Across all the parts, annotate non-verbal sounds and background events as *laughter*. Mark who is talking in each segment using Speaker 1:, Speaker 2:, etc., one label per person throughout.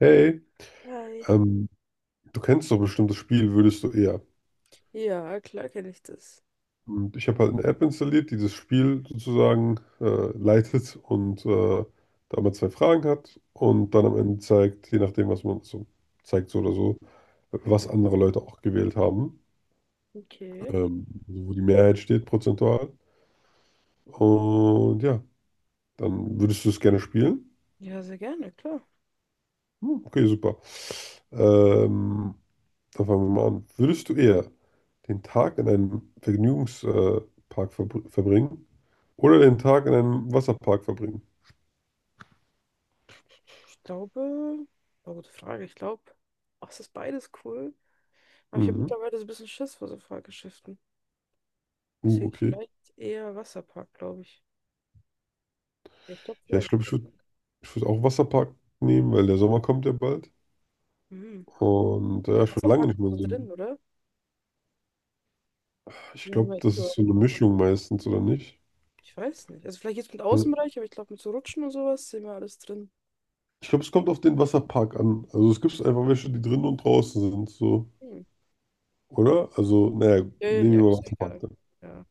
Speaker 1: Hey,
Speaker 2: Hi.
Speaker 1: ähm, du kennst doch bestimmt das Spiel, würdest du eher.
Speaker 2: Ja, klar kenne ich das.
Speaker 1: Und ich habe halt eine App installiert, die das Spiel sozusagen leitet und da man zwei Fragen hat und dann am Ende zeigt, je nachdem, was man so zeigt, so oder so, was
Speaker 2: Mhm.
Speaker 1: andere Leute auch gewählt haben,
Speaker 2: Okay.
Speaker 1: also wo die Mehrheit steht prozentual. Und ja, dann würdest du es gerne spielen?
Speaker 2: Ja, sehr gerne, klar.
Speaker 1: Hm, okay, super. Ähm, Dann fangen wir mal an. Würdest du eher den Tag in einem Vergnügungspark verbringen oder den Tag in einem Wasserpark verbringen?
Speaker 2: Ich glaube, oh, gute Frage. Ich glaube, ach, es ist beides cool. Aber ich habe
Speaker 1: Mhm.
Speaker 2: mittlerweile so ein bisschen Schiss vor so Fahrgeschäften. Deswegen
Speaker 1: Okay.
Speaker 2: vielleicht eher Wasserpark, glaube ich. Ja, ich glaube
Speaker 1: Ja, ich
Speaker 2: vielleicht.
Speaker 1: glaube, ich würd auch Wasserpark nehmen, weil der Sommer kommt ja bald.
Speaker 2: Hm.
Speaker 1: Und
Speaker 2: Ich
Speaker 1: ja,
Speaker 2: glaube,
Speaker 1: ich war lange
Speaker 2: Wasserpark
Speaker 1: nicht
Speaker 2: ist
Speaker 1: mehr in
Speaker 2: so
Speaker 1: so einem.
Speaker 2: drin, oder?
Speaker 1: Ich
Speaker 2: Ja, haben
Speaker 1: glaube,
Speaker 2: wir
Speaker 1: das ist
Speaker 2: Indoor.
Speaker 1: so eine Mischung meistens, oder nicht?
Speaker 2: Ich weiß nicht. Also vielleicht jetzt mit
Speaker 1: Also,
Speaker 2: Außenbereich, aber ich glaube mit so Rutschen und sowas sehen wir alles drin.
Speaker 1: ich glaube, es kommt auf den Wasserpark an. Also es gibt einfach welche, die drinnen und draußen sind, so.
Speaker 2: Hm.
Speaker 1: Oder? Also, naja,
Speaker 2: Ja, ja, ja,
Speaker 1: nehmen wir mal
Speaker 2: ist ja
Speaker 1: Wasserpark
Speaker 2: egal.
Speaker 1: dann.
Speaker 2: Ja.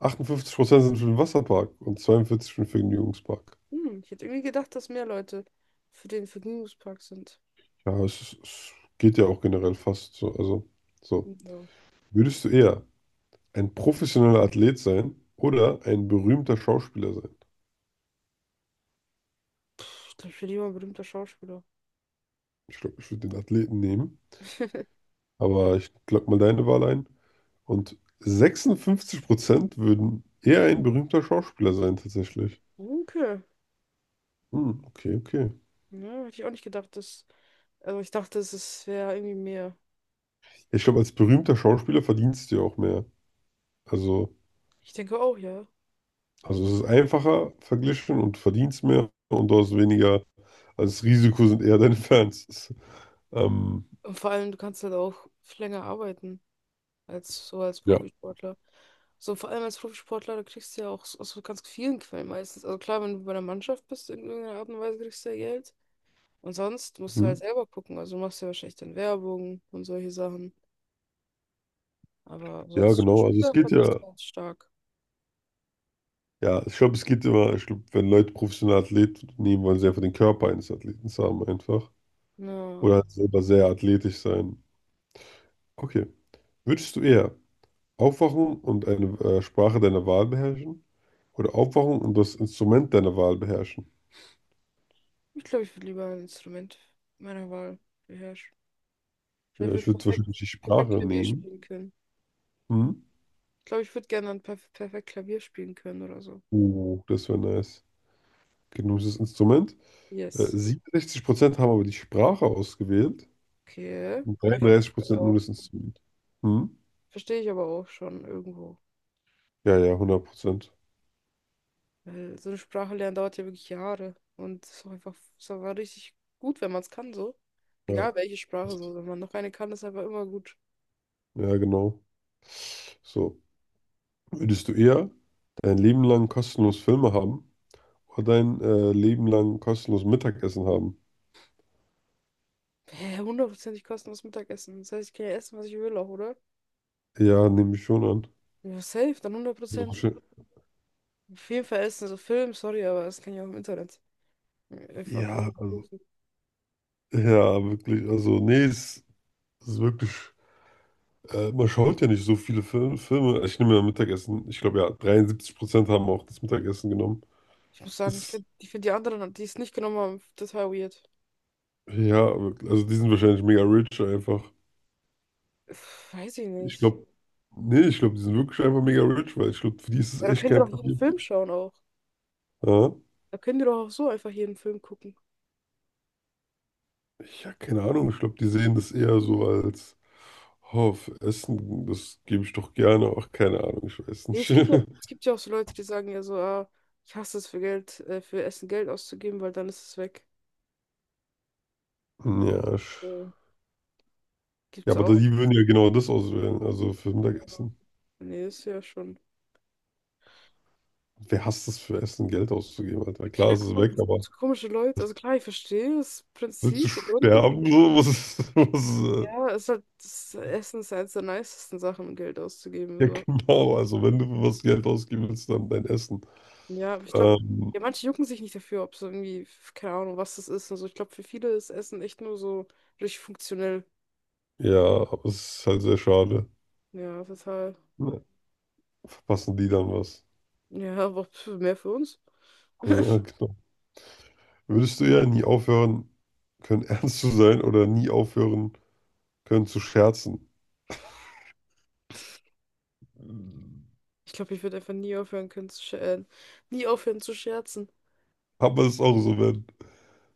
Speaker 1: 58% sind für den Wasserpark und 42% für den Vergnügungspark.
Speaker 2: Hm. Ich hätte irgendwie gedacht, dass mehr Leute für den Vergnügungspark sind.
Speaker 1: Ja, es geht ja auch generell fast so. Also, so.
Speaker 2: Ja.
Speaker 1: Würdest du eher ein professioneller Athlet sein oder ein berühmter Schauspieler sein?
Speaker 2: Pff, ich glaube, ich werde lieber ein berühmter Schauspieler.
Speaker 1: Ich glaube, ich würde den Athleten nehmen,
Speaker 2: *laughs*
Speaker 1: aber ich glaube mal deine Wahl ein. Und 56% würden eher ein berühmter Schauspieler sein, tatsächlich.
Speaker 2: Okay.
Speaker 1: Hm, okay, okay.
Speaker 2: Ja, hätte ich auch nicht gedacht, dass. Also ich dachte, wäre irgendwie mehr.
Speaker 1: Ich glaube, als berühmter Schauspieler verdienst du ja auch mehr. Also,
Speaker 2: Ich denke auch, ja.
Speaker 1: also es ist einfacher verglichen und verdienst mehr und du hast weniger. Also das Risiko sind eher deine Fans. *laughs* Ähm,
Speaker 2: Und vor allem, du kannst halt auch länger arbeiten als so als
Speaker 1: ja.
Speaker 2: Profisportler. So, vor allem als Profisportler, da kriegst du ja auch so, aus so ganz vielen Quellen meistens. Also klar, wenn du bei einer Mannschaft bist, in irgendeiner Art und Weise kriegst du ja Geld. Und sonst musst du
Speaker 1: Hm?
Speaker 2: halt selber gucken. Also du machst ja wahrscheinlich dann Werbung und solche Sachen. Aber so
Speaker 1: Ja,
Speaker 2: als
Speaker 1: genau. Also es
Speaker 2: Spieler
Speaker 1: geht
Speaker 2: verdienst
Speaker 1: ja,
Speaker 2: du ganz stark.
Speaker 1: ja, ich glaube, es geht immer, ich glaube, wenn Leute professionelle Athleten nehmen, wollen sie einfach den Körper eines Athleten haben einfach.
Speaker 2: Ja.
Speaker 1: Oder halt selber sehr athletisch sein. Okay. Würdest du eher aufwachen und eine Sprache deiner Wahl beherrschen? Oder aufwachen und das Instrument deiner Wahl beherrschen?
Speaker 2: Ich glaube, ich würde lieber ein Instrument meiner Wahl beherrschen.
Speaker 1: Ja,
Speaker 2: Vielleicht
Speaker 1: ich
Speaker 2: würde ich
Speaker 1: würde
Speaker 2: würd perfekt,
Speaker 1: wahrscheinlich die
Speaker 2: perfekt
Speaker 1: Sprache
Speaker 2: Klavier
Speaker 1: nehmen.
Speaker 2: spielen können.
Speaker 1: Hm?
Speaker 2: Ich glaube, ich würde gerne dann perfekt Klavier spielen können oder so.
Speaker 1: Oh, das wäre nice. Okay, du nimmst das Instrument.
Speaker 2: Yes.
Speaker 1: 67% haben aber die Sprache ausgewählt
Speaker 2: Okay.
Speaker 1: und
Speaker 2: Ja, verstehe ich
Speaker 1: 33% nur
Speaker 2: auch.
Speaker 1: das Instrument. Hm?
Speaker 2: Verstehe ich aber auch schon irgendwo.
Speaker 1: Ja, ja, 100%.
Speaker 2: Weil so eine Sprache lernen dauert ja wirklich Jahre. Und es ist auch einfach ist aber richtig gut, wenn man es kann, so.
Speaker 1: Ja,
Speaker 2: Egal welche Sprache so. Wenn man noch eine kann, ist einfach immer gut.
Speaker 1: ja, genau. So, würdest du eher dein Leben lang kostenlos Filme haben oder dein Leben lang kostenlos Mittagessen haben?
Speaker 2: Hä, hundertprozentig kostenloses Mittagessen. Das heißt, ich kann ja essen, was ich will auch, oder?
Speaker 1: Ja, nehme ich schon an.
Speaker 2: Ja, safe, dann
Speaker 1: Also,
Speaker 2: 100%.
Speaker 1: wahrscheinlich.
Speaker 2: Auf jeden Fall ist es so Film, sorry, aber das kann ich auch im Internet einfach
Speaker 1: Ja, also,
Speaker 2: suchen.
Speaker 1: ja, wirklich. Also, nee, es ist wirklich. Man schaut ja nicht so viele Filme. Filme. Ich nehme ja Mittagessen. Ich glaube, ja, 73% haben auch das Mittagessen genommen.
Speaker 2: Ich muss sagen,
Speaker 1: Ist,
Speaker 2: ich find die anderen, die es nicht genommen haben, total weird.
Speaker 1: ja, wirklich. Also, die sind wahrscheinlich mega rich einfach.
Speaker 2: Pff, weiß ich
Speaker 1: Ich
Speaker 2: nicht.
Speaker 1: glaube, nee, ich glaube, die sind wirklich einfach mega rich, weil ich glaube, für die ist es
Speaker 2: Ja, da
Speaker 1: echt
Speaker 2: könnt ihr
Speaker 1: kein
Speaker 2: doch jeden
Speaker 1: Problem.
Speaker 2: Film schauen auch.
Speaker 1: Ja,
Speaker 2: Da könnt ihr doch auch so einfach jeden Film gucken.
Speaker 1: ich habe keine Ahnung, ich glaube, die sehen das eher so als, oh, für Essen, das gebe ich doch gerne. Ach, keine Ahnung, ich weiß
Speaker 2: Nee,
Speaker 1: nicht. *laughs*
Speaker 2: es gibt ja auch so Leute, die sagen ja so, ah, ich hasse es für Geld, für Essen Geld auszugeben, weil dann ist es weg.
Speaker 1: Ja,
Speaker 2: So.
Speaker 1: ja,
Speaker 2: Gibt's
Speaker 1: aber
Speaker 2: auch.
Speaker 1: die würden ja genau das auswählen, also für
Speaker 2: Ja.
Speaker 1: Mittagessen.
Speaker 2: Nee, ist ja schon.
Speaker 1: Wer hasst es für Essen, Geld auszugeben, Alter? Klar,
Speaker 2: Keine
Speaker 1: es ist
Speaker 2: Ahnung,
Speaker 1: weg, aber
Speaker 2: so komische Leute. Also klar, ich verstehe das
Speaker 1: willst du
Speaker 2: Prinzip, den Grund.
Speaker 1: sterben? So, was ist, *laughs* was,
Speaker 2: Ja, es ist halt, das Essen ist ja eins der nicesten Sachen, um Geld auszugeben.
Speaker 1: ja,
Speaker 2: So.
Speaker 1: genau, also wenn du für was Geld ausgeben willst, dann dein Essen.
Speaker 2: Ja, aber ich glaube,
Speaker 1: Ähm,
Speaker 2: ja, manche jucken sich nicht dafür, ob es irgendwie, keine Ahnung, was das ist und so. Ich glaube, für viele ist Essen echt nur so richtig funktionell.
Speaker 1: Ja aber es ist halt sehr schade.
Speaker 2: Ja, total.
Speaker 1: Ne? Verpassen die dann was.
Speaker 2: Ja, aber pf, mehr für uns.
Speaker 1: Ja, genau. Würdest du eher nie aufhören können, *laughs* ernst zu sein oder nie aufhören können zu scherzen?
Speaker 2: Ich glaube, ich würde einfach nie aufhören können zu scherzen. Nie aufhören zu scherzen.
Speaker 1: Aber es ist auch so, wenn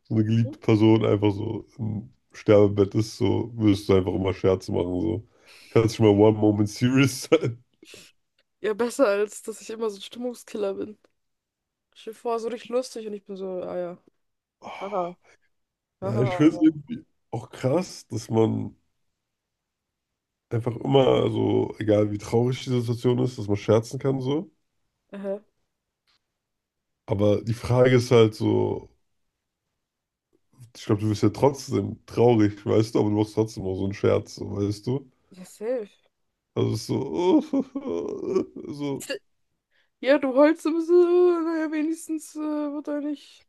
Speaker 1: so eine
Speaker 2: Hm?
Speaker 1: geliebte Person einfach so im Sterbebett ist, so würdest du einfach immer Scherze machen. So. Kannst du mal one moment serious sein.
Speaker 2: Ja, besser als, dass ich immer so ein Stimmungskiller bin. Ich stell dir vor, so richtig lustig und ich bin so, ah ja,
Speaker 1: Oh,
Speaker 2: haha,
Speaker 1: ja, ich
Speaker 2: haha,
Speaker 1: finde es
Speaker 2: ja.
Speaker 1: irgendwie auch krass, dass man einfach immer, also egal wie traurig die Situation ist, dass man scherzen kann so.
Speaker 2: Aha,
Speaker 1: Aber die Frage ist halt so, ich glaube, du bist ja trotzdem traurig, weißt du, aber du machst trotzdem auch so einen Scherz, so, weißt du?
Speaker 2: ja, safe.
Speaker 1: Also es ist so, *laughs* so,
Speaker 2: Ja, du heulst ein bisschen, naja, wenigstens wird er nicht.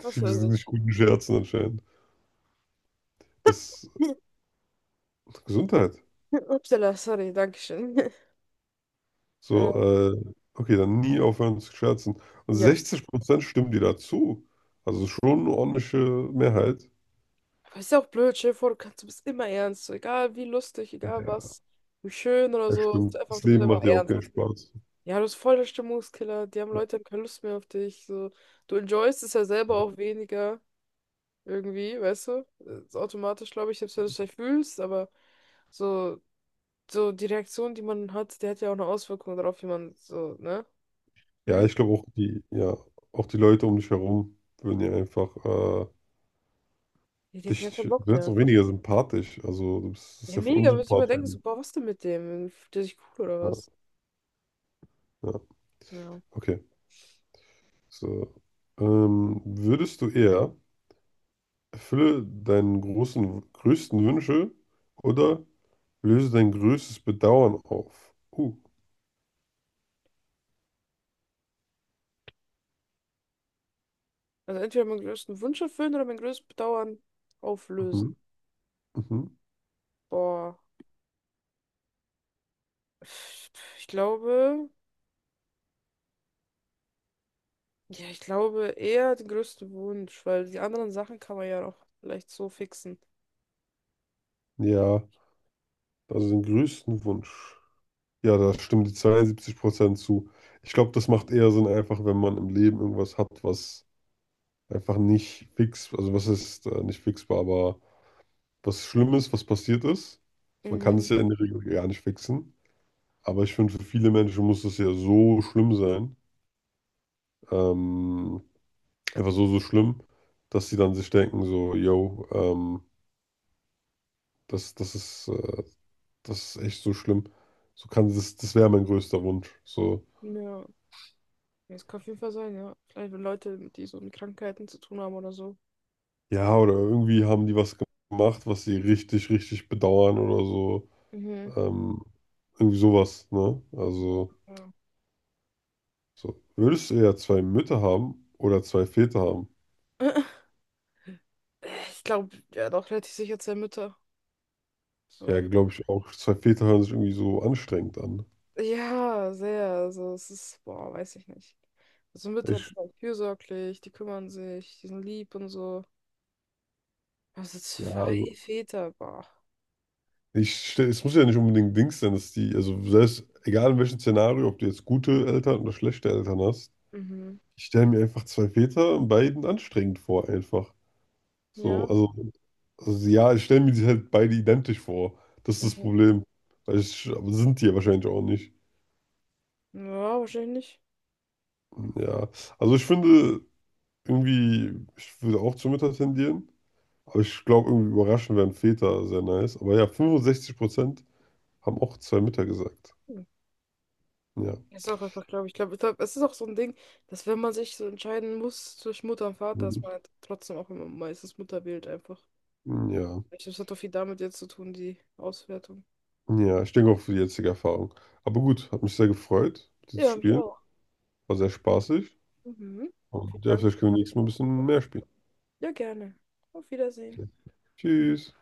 Speaker 2: Was
Speaker 1: wir
Speaker 2: weiß
Speaker 1: sind nicht
Speaker 2: ich.
Speaker 1: guten Scherzen anscheinend. Das
Speaker 2: *laughs*
Speaker 1: ist Gesundheit.
Speaker 2: Upsala, sorry, Dankeschön. *laughs* Äh,
Speaker 1: So, okay, dann nie aufhören zu scherzen. Und
Speaker 2: ja.
Speaker 1: 60% stimmen dir dazu. Also schon eine ordentliche Mehrheit.
Speaker 2: Aber ist ja auch blöd, stell dir vor, du kannst, du bist immer ernst. So, egal wie lustig, egal
Speaker 1: Ja,
Speaker 2: was, wie schön oder
Speaker 1: das
Speaker 2: so. Ist
Speaker 1: stimmt.
Speaker 2: einfach,
Speaker 1: Das
Speaker 2: du bist
Speaker 1: Leben
Speaker 2: einfach
Speaker 1: macht ja auch
Speaker 2: ernst.
Speaker 1: keinen Spaß.
Speaker 2: Ja, du bist voll der Stimmungskiller. Die haben Leute haben keine Lust mehr auf dich. So. Du enjoyst es ja selber auch weniger. Irgendwie, weißt du? Ist automatisch, glaube ich, selbst wenn du es vielleicht fühlst, aber so, so die Reaktion, die man hat, die hat ja auch eine Auswirkung darauf, wie man so, ne?
Speaker 1: Ja,
Speaker 2: fühlt.
Speaker 1: ich glaube auch die, ja, auch die Leute um dich herum würden ja einfach
Speaker 2: Ja, die hatten gar keinen
Speaker 1: dich
Speaker 2: Bock
Speaker 1: wird
Speaker 2: mehr.
Speaker 1: auch weniger sympathisch. Also, du bist das ist ja voll
Speaker 2: Mega, muss ich immer
Speaker 1: unsympathisch.
Speaker 2: denken, so, boah, was denn mit dem? Fühlt der sich cool oder was?
Speaker 1: Ja, ja,
Speaker 2: Ja.
Speaker 1: okay. So. Würdest du eher erfülle deinen großen, größten Wünsche oder löse dein größtes Bedauern auf? Uh,
Speaker 2: Also entweder meinen größten Wunsch erfüllen oder mein größtes Bedauern
Speaker 1: mhm,
Speaker 2: auflösen.
Speaker 1: mhm.
Speaker 2: Boah. Ich glaube, ja, ich glaube eher den größten Wunsch, weil die anderen Sachen kann man ja auch vielleicht so fixen.
Speaker 1: Ja, also den größten Wunsch. Ja, da stimmen die 72% zu. Ich glaube, das macht eher Sinn, einfach wenn man im Leben irgendwas hat, was einfach nicht fix, also was ist nicht fixbar, aber was Schlimmes, was passiert ist. Man kann es
Speaker 2: Mhm.
Speaker 1: ja in der Regel gar nicht fixen. Aber ich finde, für viele Menschen muss es ja so schlimm sein. Ähm, einfach so, so schlimm, dass sie dann sich denken, so, yo, das ist, das ist echt so schlimm. So kann das, das wäre mein größter Wunsch. So,
Speaker 2: Ja. Es kann auf jeden Fall sein, ja. Vielleicht wenn Leute, die so mit Krankheiten zu tun haben oder so.
Speaker 1: ja, oder irgendwie haben die was gemacht, was sie richtig, richtig bedauern oder so.
Speaker 2: Mhm.
Speaker 1: Ähm, irgendwie sowas, ne? Also,
Speaker 2: Ja.
Speaker 1: so, würdest du eher zwei Mütter haben oder zwei Väter haben?
Speaker 2: *laughs* Ich glaube, ja, doch relativ sicher zwei Mütter.
Speaker 1: Ja,
Speaker 2: So.
Speaker 1: glaube ich auch. Zwei Väter hören sich irgendwie so anstrengend an.
Speaker 2: Ja, sehr. Also es ist, boah, weiß ich nicht. Also Mütter, die
Speaker 1: Ich,
Speaker 2: sind halt fürsorglich, die kümmern sich, die sind lieb und so. Also
Speaker 1: ja,
Speaker 2: zwei
Speaker 1: also,
Speaker 2: Väter, boah.
Speaker 1: es muss ja nicht unbedingt Dings sein, dass die, also selbst, egal in welchem Szenario, ob du jetzt gute Eltern oder schlechte Eltern hast,
Speaker 2: Mhm.
Speaker 1: ich stelle mir einfach zwei Väter und beiden anstrengend vor, einfach. So,
Speaker 2: Ja.
Speaker 1: also ja, ich stelle mir die halt beide identisch vor. Das ist das
Speaker 2: Mhm.
Speaker 1: Problem. Weil ich, aber sind die ja wahrscheinlich auch nicht.
Speaker 2: Ja, wahrscheinlich nicht.
Speaker 1: Ja, also ich finde, irgendwie, ich würde auch zur Mutter tendieren. Aber ich glaube, irgendwie überraschend wären Väter sehr nice. Aber ja, 65% haben auch zwei Mütter gesagt.
Speaker 2: Hm.
Speaker 1: Ja.
Speaker 2: Ist auch einfach, ich glaub, es ist auch so ein Ding, dass wenn man sich so entscheiden muss zwischen Mutter und Vater, dass
Speaker 1: Mhm.
Speaker 2: man halt trotzdem auch immer meistens Mutter wählt einfach.
Speaker 1: Ja.
Speaker 2: Ich glaube, es hat doch viel damit jetzt zu tun, die Auswertung.
Speaker 1: Ja, ich denke auch für die jetzige Erfahrung. Aber gut, hat mich sehr gefreut, mit dir zu
Speaker 2: Ja, mich
Speaker 1: spielen.
Speaker 2: auch.
Speaker 1: War sehr spaßig.
Speaker 2: Mhm. Vielen
Speaker 1: Und ja,
Speaker 2: Dank.
Speaker 1: vielleicht können wir nächstes Mal ein bisschen mehr spielen.
Speaker 2: Ja, gerne. Auf Wiedersehen.
Speaker 1: Okay. Tschüss.